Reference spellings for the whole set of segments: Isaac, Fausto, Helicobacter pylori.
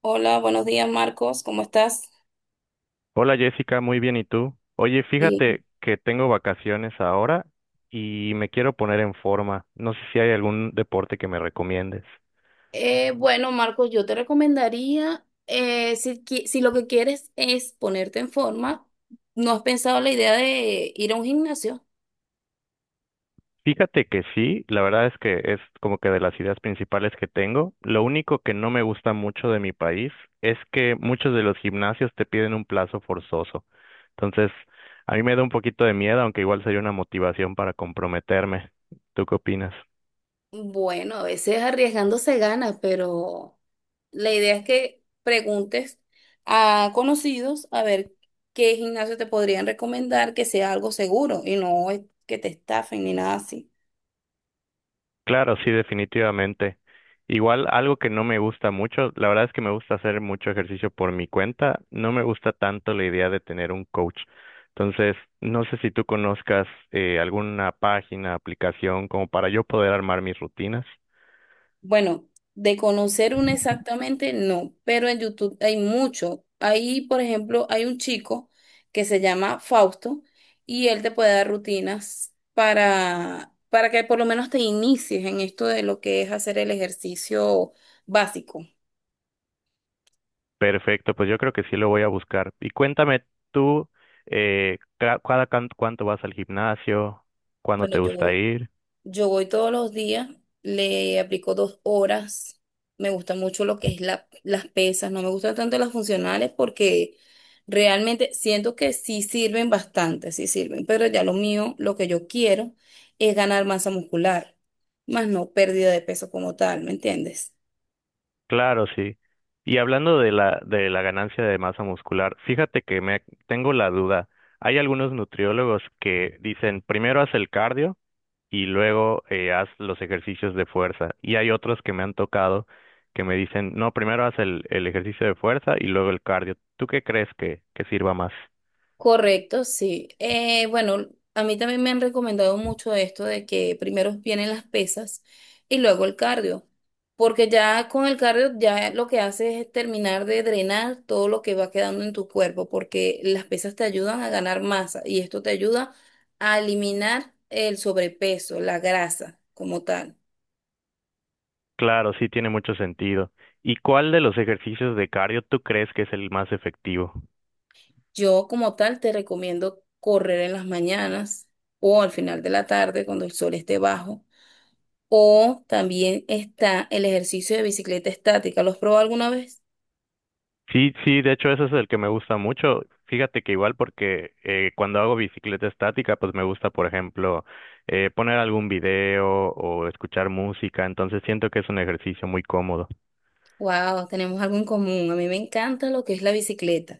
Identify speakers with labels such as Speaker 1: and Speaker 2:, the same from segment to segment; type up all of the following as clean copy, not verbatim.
Speaker 1: Hola, buenos días Marcos, ¿cómo estás?
Speaker 2: Hola Jessica, muy bien, ¿y tú? Oye,
Speaker 1: Sí.
Speaker 2: fíjate que tengo vacaciones ahora y me quiero poner en forma. No sé si hay algún deporte que me recomiendes.
Speaker 1: Bueno, Marcos, yo te recomendaría, si lo que quieres es ponerte en forma, ¿no has pensado la idea de ir a un gimnasio?
Speaker 2: Fíjate que sí, la verdad es que es como que de las ideas principales que tengo. Lo único que no me gusta mucho de mi país es que muchos de los gimnasios te piden un plazo forzoso. Entonces, a mí me da un poquito de miedo, aunque igual sería una motivación para comprometerme. ¿Tú qué opinas?
Speaker 1: Bueno, a veces arriesgando se gana, pero la idea es que preguntes a conocidos a ver qué gimnasio te podrían recomendar que sea algo seguro y no es que te estafen ni nada así.
Speaker 2: Claro, sí, definitivamente. Igual algo que no me gusta mucho, la verdad es que me gusta hacer mucho ejercicio por mi cuenta, no me gusta tanto la idea de tener un coach. Entonces, no sé si tú conozcas alguna página, aplicación como para yo poder armar mis rutinas.
Speaker 1: Bueno, de conocer uno exactamente, no, pero en YouTube hay mucho. Ahí, por ejemplo, hay un chico que se llama Fausto y él te puede dar rutinas para que por lo menos te inicies en esto de lo que es hacer el ejercicio básico.
Speaker 2: Perfecto, pues yo creo que sí lo voy a buscar. Y cuéntame tú, cada cuánto vas al gimnasio, cuándo
Speaker 1: Bueno,
Speaker 2: te gusta
Speaker 1: yo
Speaker 2: ir.
Speaker 1: Yo voy todos los días, le aplico dos horas. Me gusta mucho lo que es las pesas, no me gustan tanto las funcionales porque realmente siento que sí sirven bastante, sí sirven, pero ya lo mío, lo que yo quiero es ganar masa muscular, más no pérdida de peso como tal, ¿me entiendes?
Speaker 2: Claro, sí. Y hablando de la ganancia de masa muscular, fíjate que me tengo la duda. Hay algunos nutriólogos que dicen primero haz el cardio y luego haz los ejercicios de fuerza. Y hay otros que me han tocado que me dicen, no, primero haz el ejercicio de fuerza y luego el cardio. ¿Tú qué crees que sirva más?
Speaker 1: Correcto, sí. Bueno, a mí también me han recomendado mucho esto de que primero vienen las pesas y luego el cardio, porque ya con el cardio ya lo que hace es terminar de drenar todo lo que va quedando en tu cuerpo, porque las pesas te ayudan a ganar masa y esto te ayuda a eliminar el sobrepeso, la grasa como tal.
Speaker 2: Claro, sí tiene mucho sentido. ¿Y cuál de los ejercicios de cardio tú crees que es el más efectivo?
Speaker 1: Yo como tal te recomiendo correr en las mañanas o al final de la tarde cuando el sol esté bajo. O también está el ejercicio de bicicleta estática. ¿Los probó alguna vez?
Speaker 2: Sí, sí, de hecho ese es el que me gusta mucho. Fíjate que igual porque cuando hago bicicleta estática, pues me gusta, por ejemplo, poner algún video o escuchar música, entonces siento que es un ejercicio muy cómodo.
Speaker 1: Wow, tenemos algo en común. A mí me encanta lo que es la bicicleta.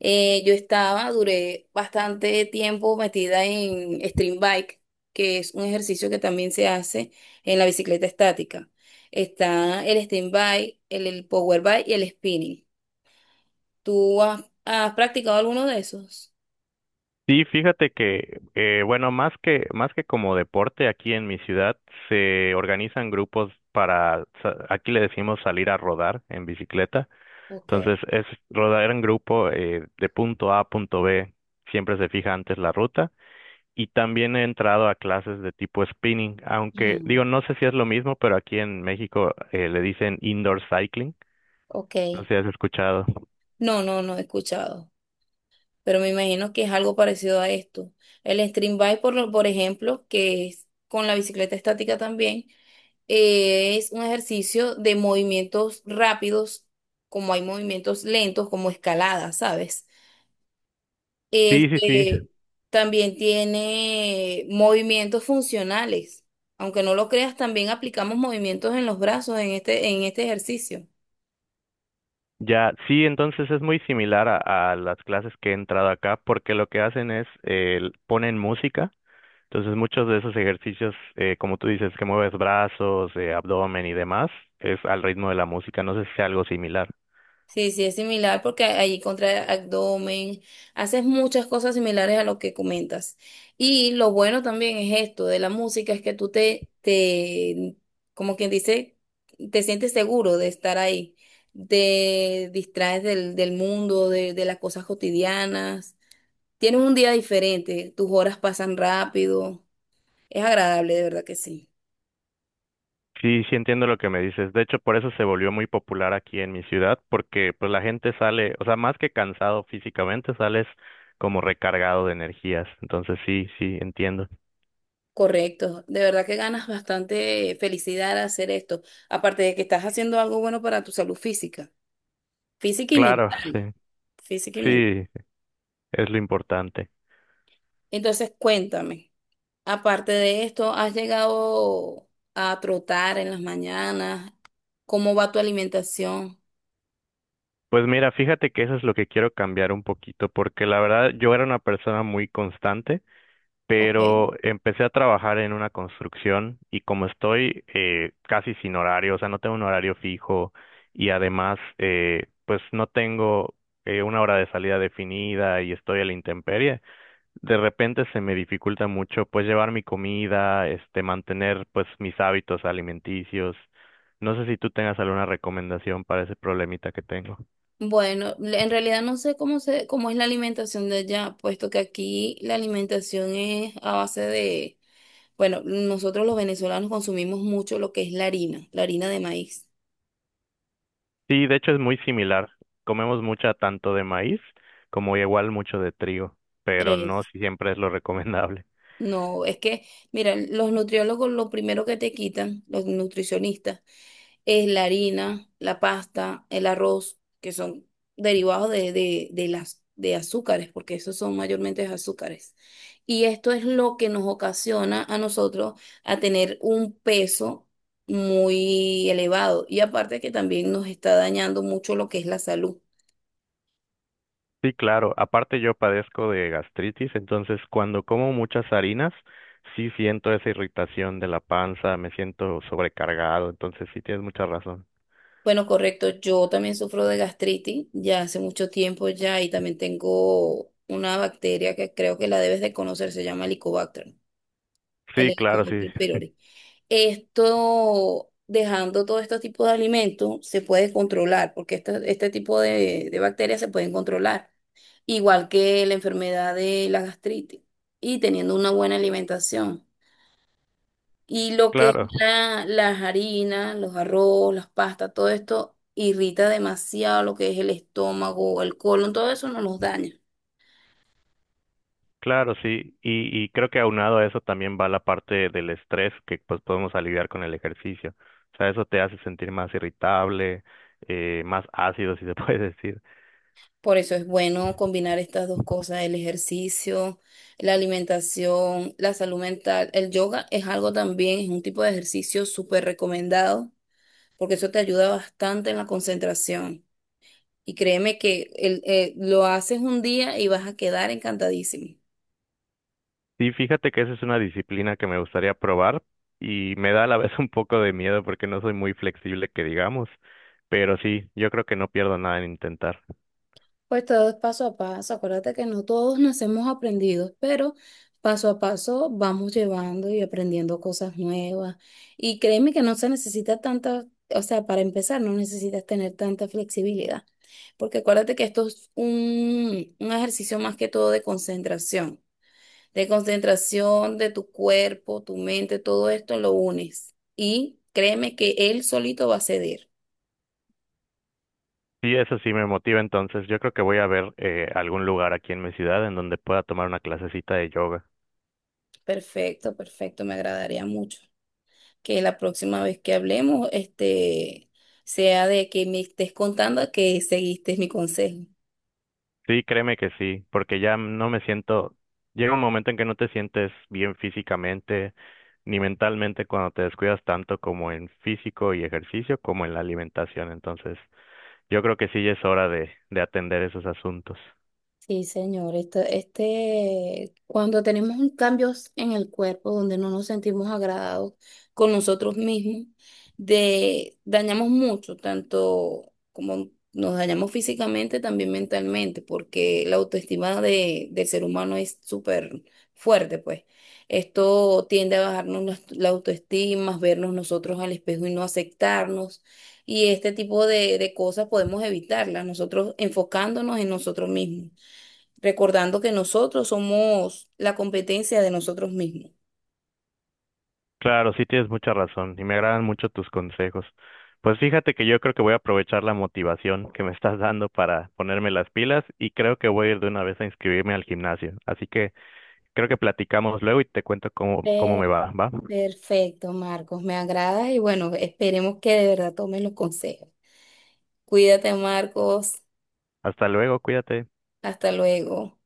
Speaker 1: Yo estaba, duré bastante tiempo metida en stream bike, que es un ejercicio que también se hace en la bicicleta estática. Está el stream bike, el power bike y el spinning. ¿Tú has practicado alguno de esos?
Speaker 2: Sí, fíjate que, bueno, más que como deporte, aquí en mi ciudad se organizan grupos para, aquí le decimos salir a rodar en bicicleta,
Speaker 1: Ok.
Speaker 2: entonces es rodar en grupo de punto A a punto B, siempre se fija antes la ruta. Y también he entrado a clases de tipo spinning,
Speaker 1: Ajá.
Speaker 2: aunque digo, no sé si es lo mismo, pero aquí en México le dicen indoor cycling.
Speaker 1: Ok.
Speaker 2: No sé si has escuchado.
Speaker 1: No he escuchado, pero me imagino que es algo parecido a esto. El stream bike, por ejemplo, que es con la bicicleta estática también, es un ejercicio de movimientos rápidos, como hay movimientos lentos, como escalada, ¿sabes?
Speaker 2: Sí, sí,
Speaker 1: Este
Speaker 2: sí.
Speaker 1: también tiene movimientos funcionales. Aunque no lo creas, también aplicamos movimientos en los brazos en este ejercicio.
Speaker 2: Ya, sí, entonces es muy similar a las clases que he entrado acá, porque lo que hacen es ponen música. Entonces muchos de esos ejercicios, como tú dices, que mueves brazos, abdomen y demás, es al ritmo de la música. No sé si sea algo similar.
Speaker 1: Sí, sí, es similar porque allí contra abdomen, haces muchas cosas similares a lo que comentas. Y lo bueno también es esto de la música, es que como quien dice, te sientes seguro de estar ahí, te distraes del mundo, de las cosas cotidianas. Tienes un día diferente, tus horas pasan rápido, es agradable, de verdad que sí.
Speaker 2: Sí, sí entiendo lo que me dices. De hecho, por eso se volvió muy popular aquí en mi ciudad, porque pues la gente sale, o sea, más que cansado físicamente, sales como recargado de energías. Entonces, sí, sí, entiendo.
Speaker 1: Correcto, de verdad que ganas bastante felicidad al hacer esto, aparte de que estás haciendo algo bueno para tu salud física, física y
Speaker 2: Claro,
Speaker 1: mental,
Speaker 2: sí,
Speaker 1: física y mental.
Speaker 2: sí, es lo importante.
Speaker 1: Entonces, cuéntame, aparte de esto, ¿has llegado a trotar en las mañanas? ¿Cómo va tu alimentación?
Speaker 2: Pues mira, fíjate que eso es lo que quiero cambiar un poquito, porque la verdad yo era una persona muy constante,
Speaker 1: Ok.
Speaker 2: pero empecé a trabajar en una construcción y como estoy casi sin horario, o sea, no tengo un horario fijo y además, pues no tengo una hora de salida definida y estoy a la intemperie, de repente se me dificulta mucho pues llevar mi comida, este, mantener pues mis hábitos alimenticios. No sé si tú tengas alguna recomendación para ese problemita que tengo.
Speaker 1: Bueno, en realidad no sé cómo es la alimentación de allá, puesto que aquí la alimentación es a base de... Bueno, nosotros los venezolanos consumimos mucho lo que es la harina de maíz.
Speaker 2: Sí, de hecho es muy similar. Comemos mucha tanto de maíz como igual mucho de trigo, pero no
Speaker 1: Es,
Speaker 2: siempre es lo recomendable.
Speaker 1: no, es que, mira, los nutriólogos lo primero que te quitan, los nutricionistas, es la harina, la pasta, el arroz, que son derivados de azúcares, porque esos son mayormente azúcares. Y esto es lo que nos ocasiona a nosotros a tener un peso muy elevado. Y aparte que también nos está dañando mucho lo que es la salud.
Speaker 2: Sí, claro. Aparte yo padezco de gastritis, entonces cuando como muchas harinas, sí siento esa irritación de la panza, me siento sobrecargado, entonces sí tienes mucha razón.
Speaker 1: Bueno, correcto. Yo también sufro de gastritis ya hace mucho tiempo ya y también tengo una bacteria que creo que la debes de conocer, se llama Helicobacter, el
Speaker 2: Sí, claro, sí,
Speaker 1: Helicobacter pylori. Esto, dejando todo este tipo de alimentos, se puede controlar porque este tipo de bacterias se pueden controlar, igual que la enfermedad de la gastritis y teniendo una buena alimentación. Y lo que es
Speaker 2: claro.
Speaker 1: las harinas, los arroz, las pastas, todo esto irrita demasiado lo que es el estómago, el colon, todo eso nos los daña.
Speaker 2: Claro, sí, y creo que aunado a eso también va la parte del estrés que pues podemos aliviar con el ejercicio. O sea, eso te hace sentir más irritable, más ácido, si se puede decir.
Speaker 1: Por eso es bueno combinar estas dos cosas, el ejercicio, la alimentación, la salud mental. El yoga es algo también, es un tipo de ejercicio súper recomendado, porque eso te ayuda bastante en la concentración. Y créeme que lo haces un día y vas a quedar encantadísimo.
Speaker 2: Sí, fíjate que esa es una disciplina que me gustaría probar y me da a la vez un poco de miedo porque no soy muy flexible, que digamos, pero sí, yo creo que no pierdo nada en intentar.
Speaker 1: Pues todo es paso a paso. Acuérdate que no todos nacemos aprendidos, pero paso a paso vamos llevando y aprendiendo cosas nuevas. Y créeme que no se necesita tanta, o sea, para empezar, no necesitas tener tanta flexibilidad, porque acuérdate que esto es un ejercicio más que todo de concentración, de concentración de tu cuerpo, tu mente, todo esto lo unes. Y créeme que él solito va a ceder.
Speaker 2: Sí, eso sí me motiva, entonces yo creo que voy a ver algún lugar aquí en mi ciudad en donde pueda tomar una clasecita de yoga.
Speaker 1: Perfecto, perfecto, me agradaría mucho que la próxima vez que hablemos, este, sea de que me estés contando que seguiste mi consejo.
Speaker 2: Sí, créeme que sí, porque ya no me siento, llega un momento en que no te sientes bien físicamente ni mentalmente cuando te descuidas tanto como en físico y ejercicio como en la alimentación. Entonces, yo creo que sí ya es hora de atender esos asuntos.
Speaker 1: Sí, señor, esto, este, cuando tenemos un cambios en el cuerpo donde no nos sentimos agradados con nosotros mismos, de, dañamos mucho, tanto como nos dañamos físicamente, también mentalmente, porque la autoestima del ser humano es súper fuerte, pues. Esto tiende a bajarnos la autoestima, vernos nosotros al espejo y no aceptarnos. Y este tipo de cosas podemos evitarlas, nosotros enfocándonos en nosotros mismos, recordando que nosotros somos la competencia de nosotros mismos.
Speaker 2: Claro, sí tienes mucha razón y me agradan mucho tus consejos. Pues fíjate que yo creo que voy a aprovechar la motivación que me estás dando para ponerme las pilas y creo que voy a ir de una vez a inscribirme al gimnasio. Así que creo que platicamos luego y te cuento cómo, cómo
Speaker 1: Per-
Speaker 2: me va, ¿va?
Speaker 1: perfecto, Marcos, me agrada y bueno, esperemos que de verdad tomen los consejos. Cuídate, Marcos.
Speaker 2: Hasta luego, cuídate.
Speaker 1: Hasta luego.